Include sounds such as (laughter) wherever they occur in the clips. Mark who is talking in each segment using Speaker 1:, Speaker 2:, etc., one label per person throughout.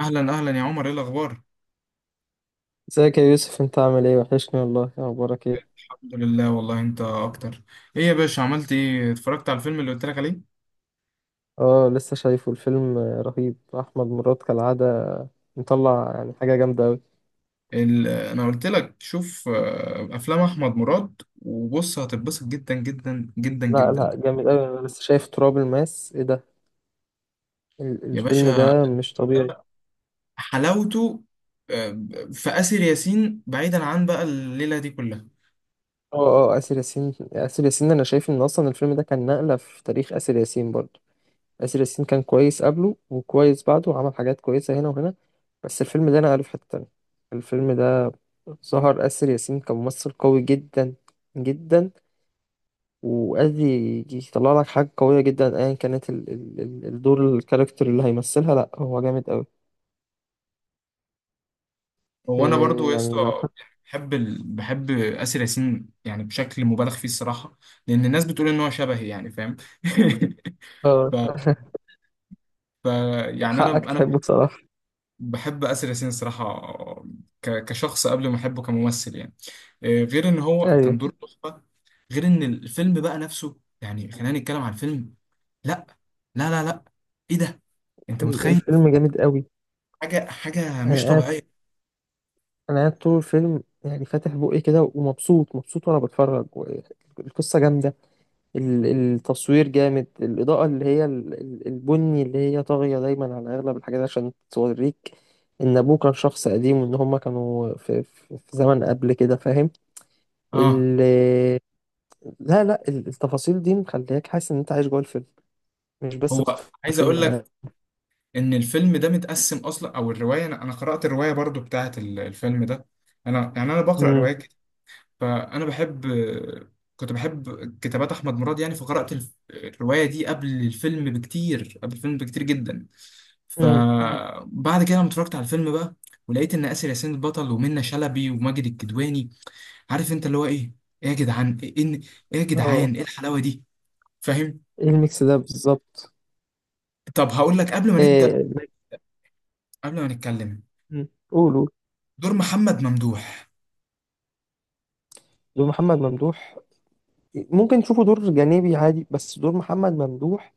Speaker 1: اهلا اهلا يا عمر، ايه الاخبار؟
Speaker 2: ازيك يا يوسف، انت عامل ايه؟ وحشني والله. إيه اخبارك؟ ايه؟
Speaker 1: الحمد لله والله، انت اكتر. ايه يا باشا، عملت ايه؟ اتفرجت على الفيلم اللي قلت لك عليه؟
Speaker 2: اه لسه شايفه الفيلم. رهيب. احمد مراد كالعاده مطلع يعني حاجه جامده قوي.
Speaker 1: انا قلت لك شوف افلام احمد مراد وبص، هتتبسط جدا جدا جدا
Speaker 2: لا
Speaker 1: جدا.
Speaker 2: لا، جامد قوي. انا لسه شايف تراب الماس. ايه ده؟
Speaker 1: يا
Speaker 2: الفيلم
Speaker 1: باشا،
Speaker 2: ده مش طبيعي.
Speaker 1: ده حلاوته آه، في آسر ياسين، بعيدا عن بقى الليلة دي كلها.
Speaker 2: اه اسر ياسين انا شايف ان اصلا الفيلم ده كان نقله في تاريخ اسر ياسين برضه. اسر ياسين كان كويس قبله وكويس بعده وعمل حاجات كويسه هنا وهنا، بس الفيلم ده نقله في حته تانية. الفيلم ده ظهر اسر ياسين كممثل قوي جدا جدا. وقصدي يطلع لك حاجة قوية جدا ايا كانت ال ال ال الدور، الكاركتر اللي هيمثلها، لا هو جامد قوي.
Speaker 1: هو انا برضو
Speaker 2: إيه
Speaker 1: يا
Speaker 2: يعني لو
Speaker 1: اسطى
Speaker 2: حق.
Speaker 1: بحب بحب آسر ياسين يعني بشكل مبالغ فيه الصراحة، لان الناس بتقول ان هو شبهي، يعني فاهم. (laughs)
Speaker 2: اه
Speaker 1: ف...
Speaker 2: (laughs)
Speaker 1: ف... يعني انا
Speaker 2: حقك
Speaker 1: انا
Speaker 2: تحبه بصراحة.
Speaker 1: بحب آسر ياسين الصراحة، كشخص قبل ما أحبه كممثل يعني. غير إن هو
Speaker 2: ايوه.
Speaker 1: كان دور تحفة، غير إن الفيلم بقى نفسه. يعني خلينا نتكلم عن الفيلم. لا لا لا لا، إيه ده! أنت متخيل؟
Speaker 2: الفيلم جامد قوي.
Speaker 1: حاجة حاجة مش
Speaker 2: انا قاعد
Speaker 1: طبيعية.
Speaker 2: انا قاعد طول الفيلم يعني فاتح بقي كده ومبسوط مبسوط وانا بتفرج، و- القصة جامدة. التصوير جامد، الإضاءة اللي هي البني اللي هي طاغية دايما على أغلب الحاجات عشان توريك إن أبوه كان شخص قديم وإن هما كانوا في زمن قبل كده، فاهم؟
Speaker 1: آه.
Speaker 2: ال لا لا، التفاصيل دي مخلياك حاسس ان انت عايش جوه الفيلم، مش بس
Speaker 1: هو
Speaker 2: بتتفرج على
Speaker 1: عايز أقول
Speaker 2: فيلم.
Speaker 1: لك إن الفيلم ده متقسم أصلا، أو الرواية. أنا قرأت الرواية برضو بتاعة الفيلم ده. أنا يعني أنا بقرأ
Speaker 2: امم
Speaker 1: روايات. فانا بحب، كنت بحب كتابات احمد مراد، يعني فقرات الروايه دي قبل الفيلم بكتير، قبل الفيلم بكتير جدا.
Speaker 2: امم.
Speaker 1: فبعد كده لما اتفرجت على الفيلم بقى، ولقيت ان اسر ياسين البطل ومنى شلبي وماجد الكدواني، عارف انت اللي هو ايه. ايه يا جدعان ايه إن- إيه يا
Speaker 2: اه،
Speaker 1: جدعان، ايه الحلاوه دي؟ فاهم.
Speaker 2: ايه الميكس ده بالظبط؟
Speaker 1: طب هقول لك قبل ما نبدا،
Speaker 2: إيه؟
Speaker 1: قبل ما نتكلم،
Speaker 2: قولوا.
Speaker 1: دور محمد ممدوح.
Speaker 2: دور محمد ممدوح. ممكن تشوفه دور جانبي عادي، بس دور محمد ممدوح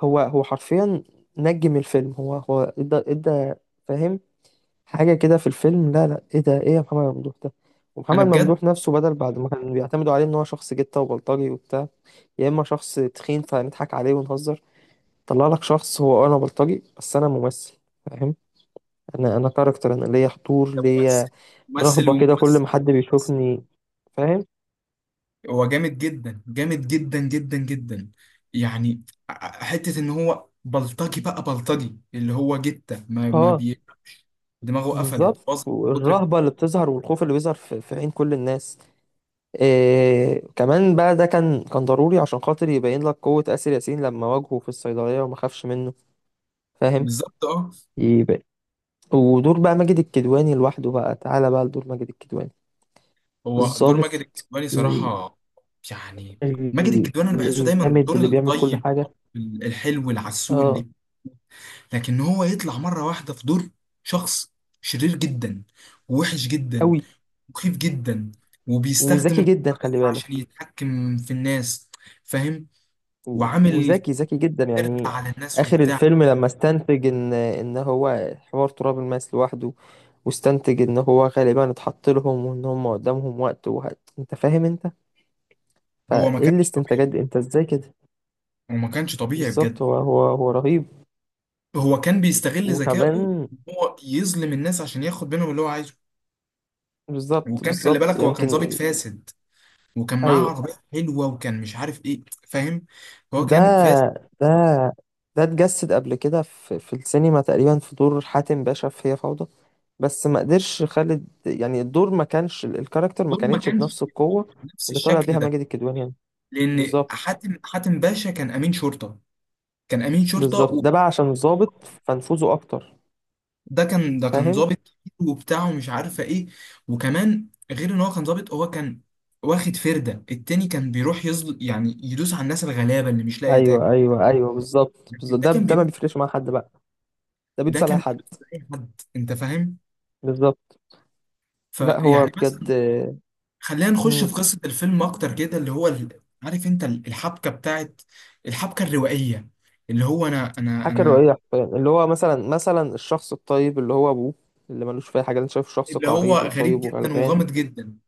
Speaker 2: هو هو حرفيا نجم الفيلم. هو هو ادى، فاهم؟ حاجة كده في الفيلم، لا لا، ايه ده؟ ايه يا محمد ممدوح ده؟
Speaker 1: انا
Speaker 2: ومحمد
Speaker 1: بجد،
Speaker 2: ممدوح نفسه بدل بعد ما كان بيعتمدوا عليه ان هو شخص جتة وبلطجي وبتاع، يا اما شخص تخين فنضحك عليه ونهزر، طلع لك شخص هو انا بلطجي بس انا ممثل، فاهم؟ انا كاركتر، انا ليا حضور
Speaker 1: ممثل،
Speaker 2: ليا،
Speaker 1: ممثل
Speaker 2: رهبة كده كل ما
Speaker 1: وممثل.
Speaker 2: حد بيشوفني، فاهم؟
Speaker 1: هو جامد جدا، جامد جدا جدا جدا. يعني حتة ان هو بلطجي، بقى بلطجي اللي هو جتة ما, ما
Speaker 2: اه،
Speaker 1: بي... دماغه قفلت،
Speaker 2: بالظبط.
Speaker 1: باظت من كتر.
Speaker 2: والرهبة اللي بتظهر والخوف اللي بيظهر في عين كل الناس. إيه كمان بقى، ده كان ضروري عشان خاطر يبين لك قوة آسر ياسين لما واجهه في الصيدلية وما خافش منه، فاهم؟
Speaker 1: بالظبط، اه.
Speaker 2: يبقى ودور بقى ماجد الكدواني لوحده بقى، تعالى بقى لدور ماجد الكدواني،
Speaker 1: هو دور
Speaker 2: الضابط،
Speaker 1: ماجد الكدواني صراحة، يعني ماجد الكدواني انا بحسه دايما
Speaker 2: الجامد
Speaker 1: الدور
Speaker 2: اللي بيعمل كل
Speaker 1: الطيب،
Speaker 2: حاجة.
Speaker 1: الحلو، العسول،
Speaker 2: اه
Speaker 1: لكن هو يطلع مرة واحدة في دور شخص شرير جدا، ووحش جدا،
Speaker 2: قوي،
Speaker 1: مخيف جدا، وبيستخدم
Speaker 2: وذكي جدا
Speaker 1: القوة دي
Speaker 2: خلي
Speaker 1: عشان
Speaker 2: بالك.
Speaker 1: يتحكم في الناس. فاهم،
Speaker 2: و-
Speaker 1: وعامل
Speaker 2: وذكي جدا
Speaker 1: قرد
Speaker 2: يعني.
Speaker 1: على الناس
Speaker 2: آخر
Speaker 1: وبتاع.
Speaker 2: الفيلم لما استنتج إن هو حوار تراب الماس لوحده، واستنتج إن هو غالبا اتحط لهم وإن هم قدامهم وقت، وهت... أنت فاهم أنت؟
Speaker 1: هو ما
Speaker 2: فإيه
Speaker 1: كانش طبيعي،
Speaker 2: الاستنتاجات دي؟ أنت إزاي كده؟
Speaker 1: هو ما كانش طبيعي
Speaker 2: بالظبط،
Speaker 1: بجد.
Speaker 2: هو رهيب.
Speaker 1: هو كان بيستغل ذكائه
Speaker 2: وكمان
Speaker 1: إن هو يظلم الناس عشان ياخد منهم اللي هو عايزه.
Speaker 2: بالظبط
Speaker 1: وكان خلي بالك،
Speaker 2: بالظبط،
Speaker 1: هو كان ظابط
Speaker 2: يمكن
Speaker 1: فاسد، وكان معاه عربية
Speaker 2: أيوه.
Speaker 1: حلوة، وكان مش عارف ايه، فاهم. هو
Speaker 2: ده
Speaker 1: كان فاسد.
Speaker 2: ده ده اتجسد قبل كده في السينما تقريبا في دور حاتم باشا في هي فوضى، بس ما قدرش خالد يعني الدور ما كانش، الكاركتر ما
Speaker 1: دول ما
Speaker 2: كانتش
Speaker 1: كانش
Speaker 2: بنفس القوة
Speaker 1: بنفس
Speaker 2: اللي طالع
Speaker 1: الشكل
Speaker 2: بيها
Speaker 1: ده،
Speaker 2: ماجد الكدواني يعني.
Speaker 1: لان
Speaker 2: بالظبط
Speaker 1: حاتم باشا كان امين شرطة، كان امين شرطة.
Speaker 2: بالظبط، ده بقى عشان ظابط فنفوذه اكتر،
Speaker 1: ده كان
Speaker 2: فاهم؟
Speaker 1: ظابط كتير وبتاع ومش عارفه ايه. وكمان غير ان هو كان ظابط، هو كان واخد فرده التاني، كان بيروح يزل، يعني يدوس على الناس الغلابه اللي مش لاقيه تاكل.
Speaker 2: ايوه ايوه ايوه، بالظبط
Speaker 1: لكن
Speaker 2: بالظبط.
Speaker 1: ده
Speaker 2: ده
Speaker 1: كان
Speaker 2: ده ما
Speaker 1: بيدوس،
Speaker 2: بيفرقش مع حد بقى، ده
Speaker 1: ده
Speaker 2: بيدوس على اي
Speaker 1: كان
Speaker 2: حد.
Speaker 1: بيدوس على اي حد، انت فاهم.
Speaker 2: بالظبط. لا هو
Speaker 1: فيعني
Speaker 2: بجد.
Speaker 1: مثلا، خلينا نخش
Speaker 2: مم.
Speaker 1: في قصه الفيلم اكتر كده، اللي هو عارف انت الحبكه بتاعت، الحبكه الروائيه، اللي هو انا انا
Speaker 2: حاجة
Speaker 1: انا
Speaker 2: روائية حرفيا، اللي هو مثلا مثلا الشخص الطيب اللي هو أبوه، اللي ملوش في أي حاجة، أنت شايف شخص
Speaker 1: اللي هو
Speaker 2: قعيد
Speaker 1: غريب
Speaker 2: وطيب
Speaker 1: جدا،
Speaker 2: وغلبان.
Speaker 1: وغامض جدا،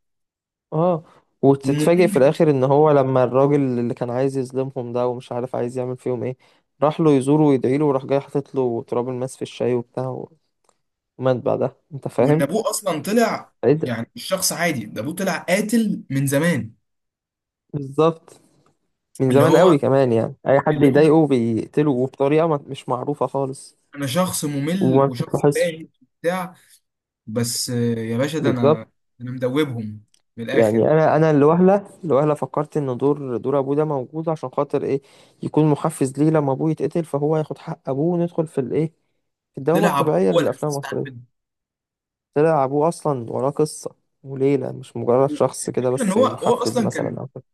Speaker 2: اه، وتتفاجئ في
Speaker 1: وممل.
Speaker 2: الآخر إن هو لما الراجل اللي كان عايز يظلمهم ده ومش عارف عايز يعمل فيهم إيه، راح له يزوره ويدعي له، وراح جاي حاطط له تراب الماس في الشاي وبتاع، ومات بعدها، أنت
Speaker 1: وان
Speaker 2: فاهم؟
Speaker 1: ابوه اصلا طلع،
Speaker 2: إيه ده؟
Speaker 1: يعني مش شخص عادي، ده ابوه طلع قاتل من زمان.
Speaker 2: بالظبط، من
Speaker 1: اللي
Speaker 2: زمان
Speaker 1: هو
Speaker 2: قوي كمان، يعني أي حد
Speaker 1: اللي هو انا،
Speaker 2: يضايقه بيقتله وبطريقة ما- مش معروفة خالص،
Speaker 1: أنا شخص ممل،
Speaker 2: وما
Speaker 1: وشخص
Speaker 2: بتتلاحظش.
Speaker 1: تاهي وبتاع. بس يا باشا، ده
Speaker 2: بالظبط.
Speaker 1: انا، انا مدوبهم من
Speaker 2: يعني
Speaker 1: الاخر.
Speaker 2: انا الوهله الوهله فكرت ان دور ابوه ده موجود عشان خاطر ايه، يكون محفز ليه لما ابوه يتقتل فهو ياخد حق ابوه، وندخل في الايه، في الدوامه
Speaker 1: طلع ابوه
Speaker 2: الطبيعيه
Speaker 1: هو
Speaker 2: للافلام
Speaker 1: الاساس بتاع الفيلم.
Speaker 2: المصريه. طلع ابوه اصلا وراه قصه وليله، مش مجرد شخص كده
Speaker 1: الفكره ان
Speaker 2: بس
Speaker 1: هو
Speaker 2: محفز
Speaker 1: اصلا
Speaker 2: مثلا
Speaker 1: كان،
Speaker 2: او كده.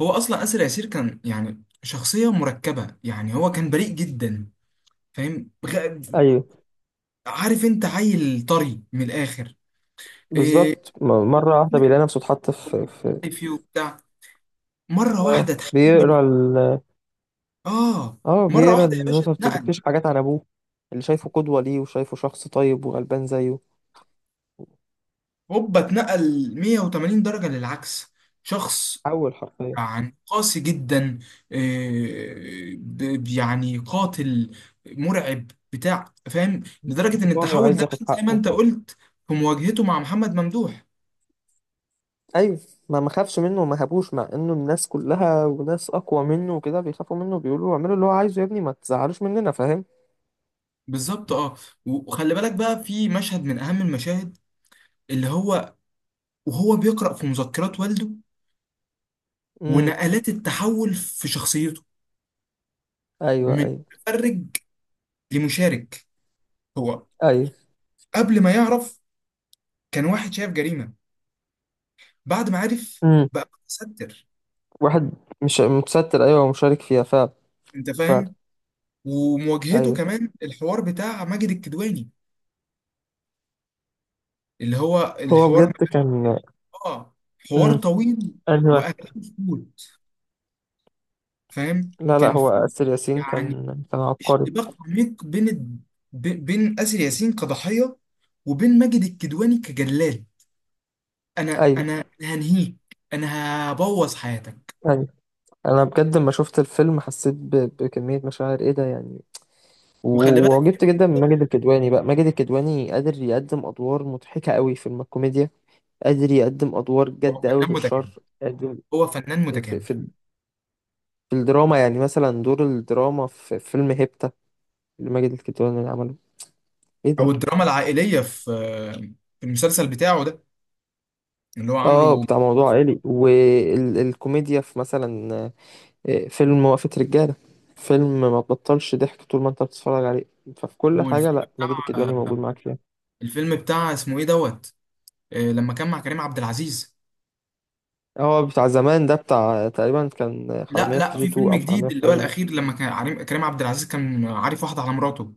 Speaker 1: هو اصلا اسر ياسير كان، يعني شخصيه مركبه. يعني هو كان بريء جدا، فاهم،
Speaker 2: ايوه،
Speaker 1: عارف انت، عيل طري من الاخر. إيه،
Speaker 2: بالظبط. م- مره واحده
Speaker 1: وبيعمل
Speaker 2: بيلاقي نفسه اتحط في،
Speaker 1: حاجة فيه وبتاع. مره
Speaker 2: اه
Speaker 1: واحده تحول.
Speaker 2: بيقرا ال،
Speaker 1: اه
Speaker 2: اه
Speaker 1: مره اه
Speaker 2: بيقرا
Speaker 1: واحده يا باشا
Speaker 2: النوتة،
Speaker 1: اتنقل،
Speaker 2: بتكتشف حاجات عن ابوه اللي شايفه قدوه ليه وشايفه شخص طيب وغلبان زيه.
Speaker 1: هوبا اتنقل 180 درجه للعكس. شخص
Speaker 2: حول حرفيا،
Speaker 1: يعني قاسي جدا، يعني قاتل، مرعب، بتاع، فاهم. لدرجه ان
Speaker 2: انتقامي
Speaker 1: التحول
Speaker 2: وعايز
Speaker 1: ده
Speaker 2: ياخد
Speaker 1: بان زي ما
Speaker 2: حقه.
Speaker 1: انت قلت في مواجهته مع محمد ممدوح.
Speaker 2: ايوه، ما خافش منه وما هابوش، مع انه الناس كلها وناس اقوى منه وكده بيخافوا منه، بيقولوا له اعملوا اللي هو عايزه يا ابني، ما تزعلوش مننا، فاهم؟
Speaker 1: بالظبط، اه. وخلي بالك بقى في مشهد من اهم المشاهد، اللي هو وهو بيقرأ في مذكرات والده،
Speaker 2: امم
Speaker 1: ونقلات التحول في شخصيته
Speaker 2: ايوه
Speaker 1: من
Speaker 2: ايوه
Speaker 1: متفرج لمشارك. هو
Speaker 2: ايوه.
Speaker 1: قبل ما يعرف كان واحد شايف جريمة، بعد ما عرف
Speaker 2: امم
Speaker 1: بقى متستر.
Speaker 2: واحد، مش متستر، ايوه، ومشارك فيها فعلا.
Speaker 1: انت
Speaker 2: فعلا.
Speaker 1: فاهم. ومواجهته
Speaker 2: ايوه،
Speaker 1: كمان الحوار بتاع ماجد الكدواني، اللي هو
Speaker 2: هو
Speaker 1: الحوار،
Speaker 2: بجد كان.
Speaker 1: اه، حوار
Speaker 2: امم
Speaker 1: طويل،
Speaker 2: ايوه.
Speaker 1: واهدافه كتير، فاهم.
Speaker 2: لا لا،
Speaker 1: كان في،
Speaker 2: هو آسر ياسين
Speaker 1: يعني،
Speaker 2: كان كان عبقري.
Speaker 1: اشتباك عميق بين بين اسر ياسين كضحية، وبين ماجد الكدواني كجلاد. انا
Speaker 2: ايوه
Speaker 1: انا هنهيك، انا هبوظ حياتك.
Speaker 2: ايوه. انا بجد لما شفت الفيلم حسيت ب... بكمية مشاعر، ايه ده يعني؟
Speaker 1: وخلي
Speaker 2: و-
Speaker 1: بالك،
Speaker 2: وعجبت جدا من ماجد الكدواني. بقى ماجد الكدواني قادر يقدم ادوار مضحكة قوي في الكوميديا، قادر يقدم ادوار
Speaker 1: هو
Speaker 2: جد قوي
Speaker 1: فنان
Speaker 2: في
Speaker 1: متكامل،
Speaker 2: الشر قادم
Speaker 1: هو فنان متكامل.
Speaker 2: في الدراما. يعني مثلا دور الدراما في فيلم هيبتا اللي ماجد الكدواني اللي عمله، ايه
Speaker 1: او
Speaker 2: ده!
Speaker 1: الدراما العائليه في، في المسلسل بتاعه ده اللي هو
Speaker 2: اه،
Speaker 1: عامله.
Speaker 2: بتاع موضوع عائلي، والكوميديا في مثلا فيلم وقفة رجالة، فيلم ما تبطلش ضحك طول ما انت بتتفرج عليه. ففي كل حاجة
Speaker 1: والفيلم
Speaker 2: لا ماجد الكدواني
Speaker 1: بتاع
Speaker 2: موجود معاك فيها.
Speaker 1: الفيلم بتاع اسمه ايه دوت، لما كان مع كريم عبد العزيز.
Speaker 2: هو بتاع زمان ده بتاع تقريبا، كان
Speaker 1: لا
Speaker 2: حرامية في
Speaker 1: لا،
Speaker 2: كي جي
Speaker 1: في
Speaker 2: 2
Speaker 1: فيلم
Speaker 2: او حرامية
Speaker 1: جديد
Speaker 2: في
Speaker 1: اللي هو
Speaker 2: تايلاند.
Speaker 1: الاخير، لما كان كريم عبد العزيز كان عارف واحده على مراته.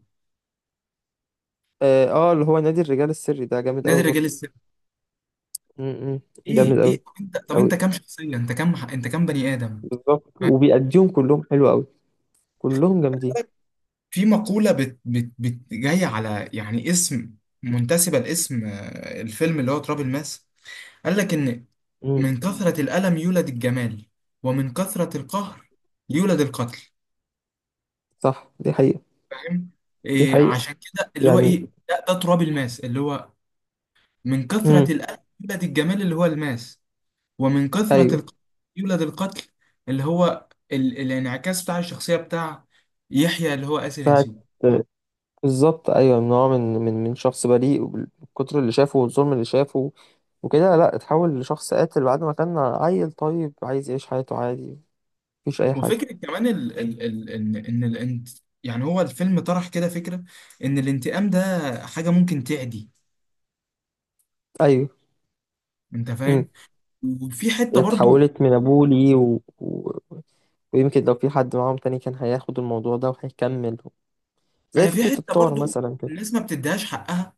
Speaker 2: اه، اللي هو نادي الرجال السري ده جامد
Speaker 1: نادي
Speaker 2: قوي
Speaker 1: رجال
Speaker 2: برضه.
Speaker 1: السر.
Speaker 2: م- م،
Speaker 1: ايه
Speaker 2: جامد
Speaker 1: ايه،
Speaker 2: قوي
Speaker 1: طب انت، طب
Speaker 2: قوي.
Speaker 1: انت كام شخصيه، انت كام، انت كام بني ادم؟
Speaker 2: بالظبط، وبيأديهم كلهم حلو قوي، كلهم جامدين.
Speaker 1: في مقوله بت بت بت جايه على، يعني، اسم، منتسبه لاسم الفيلم اللي هو تراب الماس. قال لك إن
Speaker 2: امم
Speaker 1: من كثرة الألم يولد الجمال، ومن كثرة القهر يولد القتل.
Speaker 2: صح، دي حقيقة.
Speaker 1: فاهم.
Speaker 2: دي
Speaker 1: إيه،
Speaker 2: حقيقة
Speaker 1: عشان كده اللي هو
Speaker 2: يعني.
Speaker 1: إيه، ده تراب الماس، اللي هو من
Speaker 2: امم
Speaker 1: كثرة الألم يولد الجمال اللي هو الماس، ومن كثرة
Speaker 2: ايوه
Speaker 1: القهر يولد القتل. اللي هو الانعكاس بتاع الشخصية بتاع يحيى، اللي هو آسر
Speaker 2: بتاعت.
Speaker 1: ياسين.
Speaker 2: بالظبط ايوه، نوع من من شخص بريء، وبال- بالكتر اللي شافه والظلم اللي شافه وكده، لا اتحول لشخص قاتل بعد ما كان عيل طيب عايز يعيش حياته عادي، مفيش اي حاجة.
Speaker 1: وفكرة كمان ال... ال... ال... إن إن الانت... يعني هو الفيلم طرح كده فكرة إن الانتقام ده حاجة ممكن تعدي.
Speaker 2: ايوه.
Speaker 1: أنت
Speaker 2: امم
Speaker 1: فاهم؟ وفي حتة برضو
Speaker 2: اتحولت من ابوه ليه و... و... ويمكن لو في حد معاهم تاني كان هياخد الموضوع ده وهيكمل، زي
Speaker 1: انا في
Speaker 2: فكرة
Speaker 1: حته
Speaker 2: الطار
Speaker 1: برضو،
Speaker 2: مثلا كده.
Speaker 1: الناس ما بتديهاش حقها،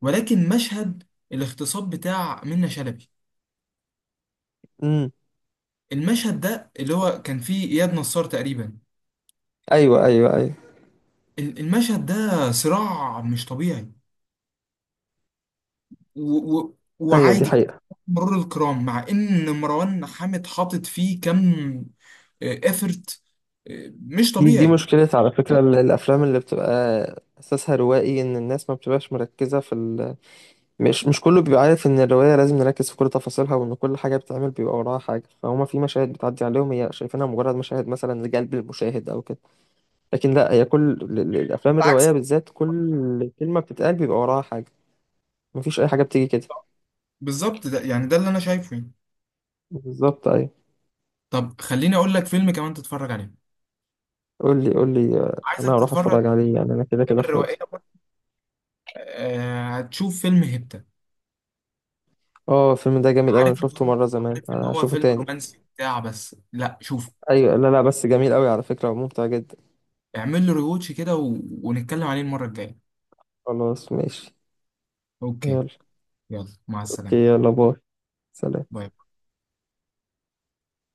Speaker 1: ولكن مشهد الاغتصاب بتاع منة شلبي.
Speaker 2: امم
Speaker 1: المشهد ده اللي هو كان فيه اياد نصار تقريبا،
Speaker 2: ايوه ايوه ايوه.
Speaker 1: المشهد ده صراع مش طبيعي و و
Speaker 2: ايوه، دي
Speaker 1: وعادي،
Speaker 2: حقيقة.
Speaker 1: مرور الكرام، مع ان مروان حامد حاطط فيه كم افرت مش
Speaker 2: دي دي
Speaker 1: طبيعي.
Speaker 2: مشكلة على فكرة، الأفلام اللي بتبقى أساسها روائي، إن الناس ما بتبقاش مركزة في ال... مش مش كله بيبقى عارف إن الرواية لازم نركز في كل تفاصيلها، وإن كل حاجة بتتعمل بيبقى وراها حاجة، فهما في مشاهد بتعدي عليهم هي شايفينها مجرد مشاهد مثلا لجلب المشاهد أو كده، لكن لا، هي كل الأفلام الروائية
Speaker 1: بالعكس.
Speaker 2: بالذات كل كلمة بتتقال بيبقى وراها حاجة، مفيش أي حاجة بتيجي كده.
Speaker 1: بالظبط، ده يعني ده اللي انا شايفه يعني.
Speaker 2: بالظبط أيوة.
Speaker 1: طب خليني اقول لك فيلم كمان تتفرج عليه،
Speaker 2: قول لي أنا
Speaker 1: عايزك
Speaker 2: هروح
Speaker 1: تتفرج على
Speaker 2: أتفرج عليه يعني، أنا كده
Speaker 1: الافلام
Speaker 2: كده فاضي.
Speaker 1: الروائيه برضه. هتشوف فيلم هبت.
Speaker 2: اه، الفيلم ده جامد أوي، أنا
Speaker 1: عارف ان
Speaker 2: شفته
Speaker 1: هو
Speaker 2: مرة زمان،
Speaker 1: عارف ان هو
Speaker 2: هشوفه
Speaker 1: فيلم
Speaker 2: تاني.
Speaker 1: رومانسي بتاع، بس لا شوف،
Speaker 2: ايوه، لا لا، بس جميل قوي على فكرة وممتع جدا.
Speaker 1: اعمل له ريوتش كده ونتكلم عليه المرة الجاية.
Speaker 2: خلاص ماشي.
Speaker 1: اوكي،
Speaker 2: يلا.
Speaker 1: يلا مع
Speaker 2: اوكي،
Speaker 1: السلامة.
Speaker 2: يلا باي. سلام.
Speaker 1: باي.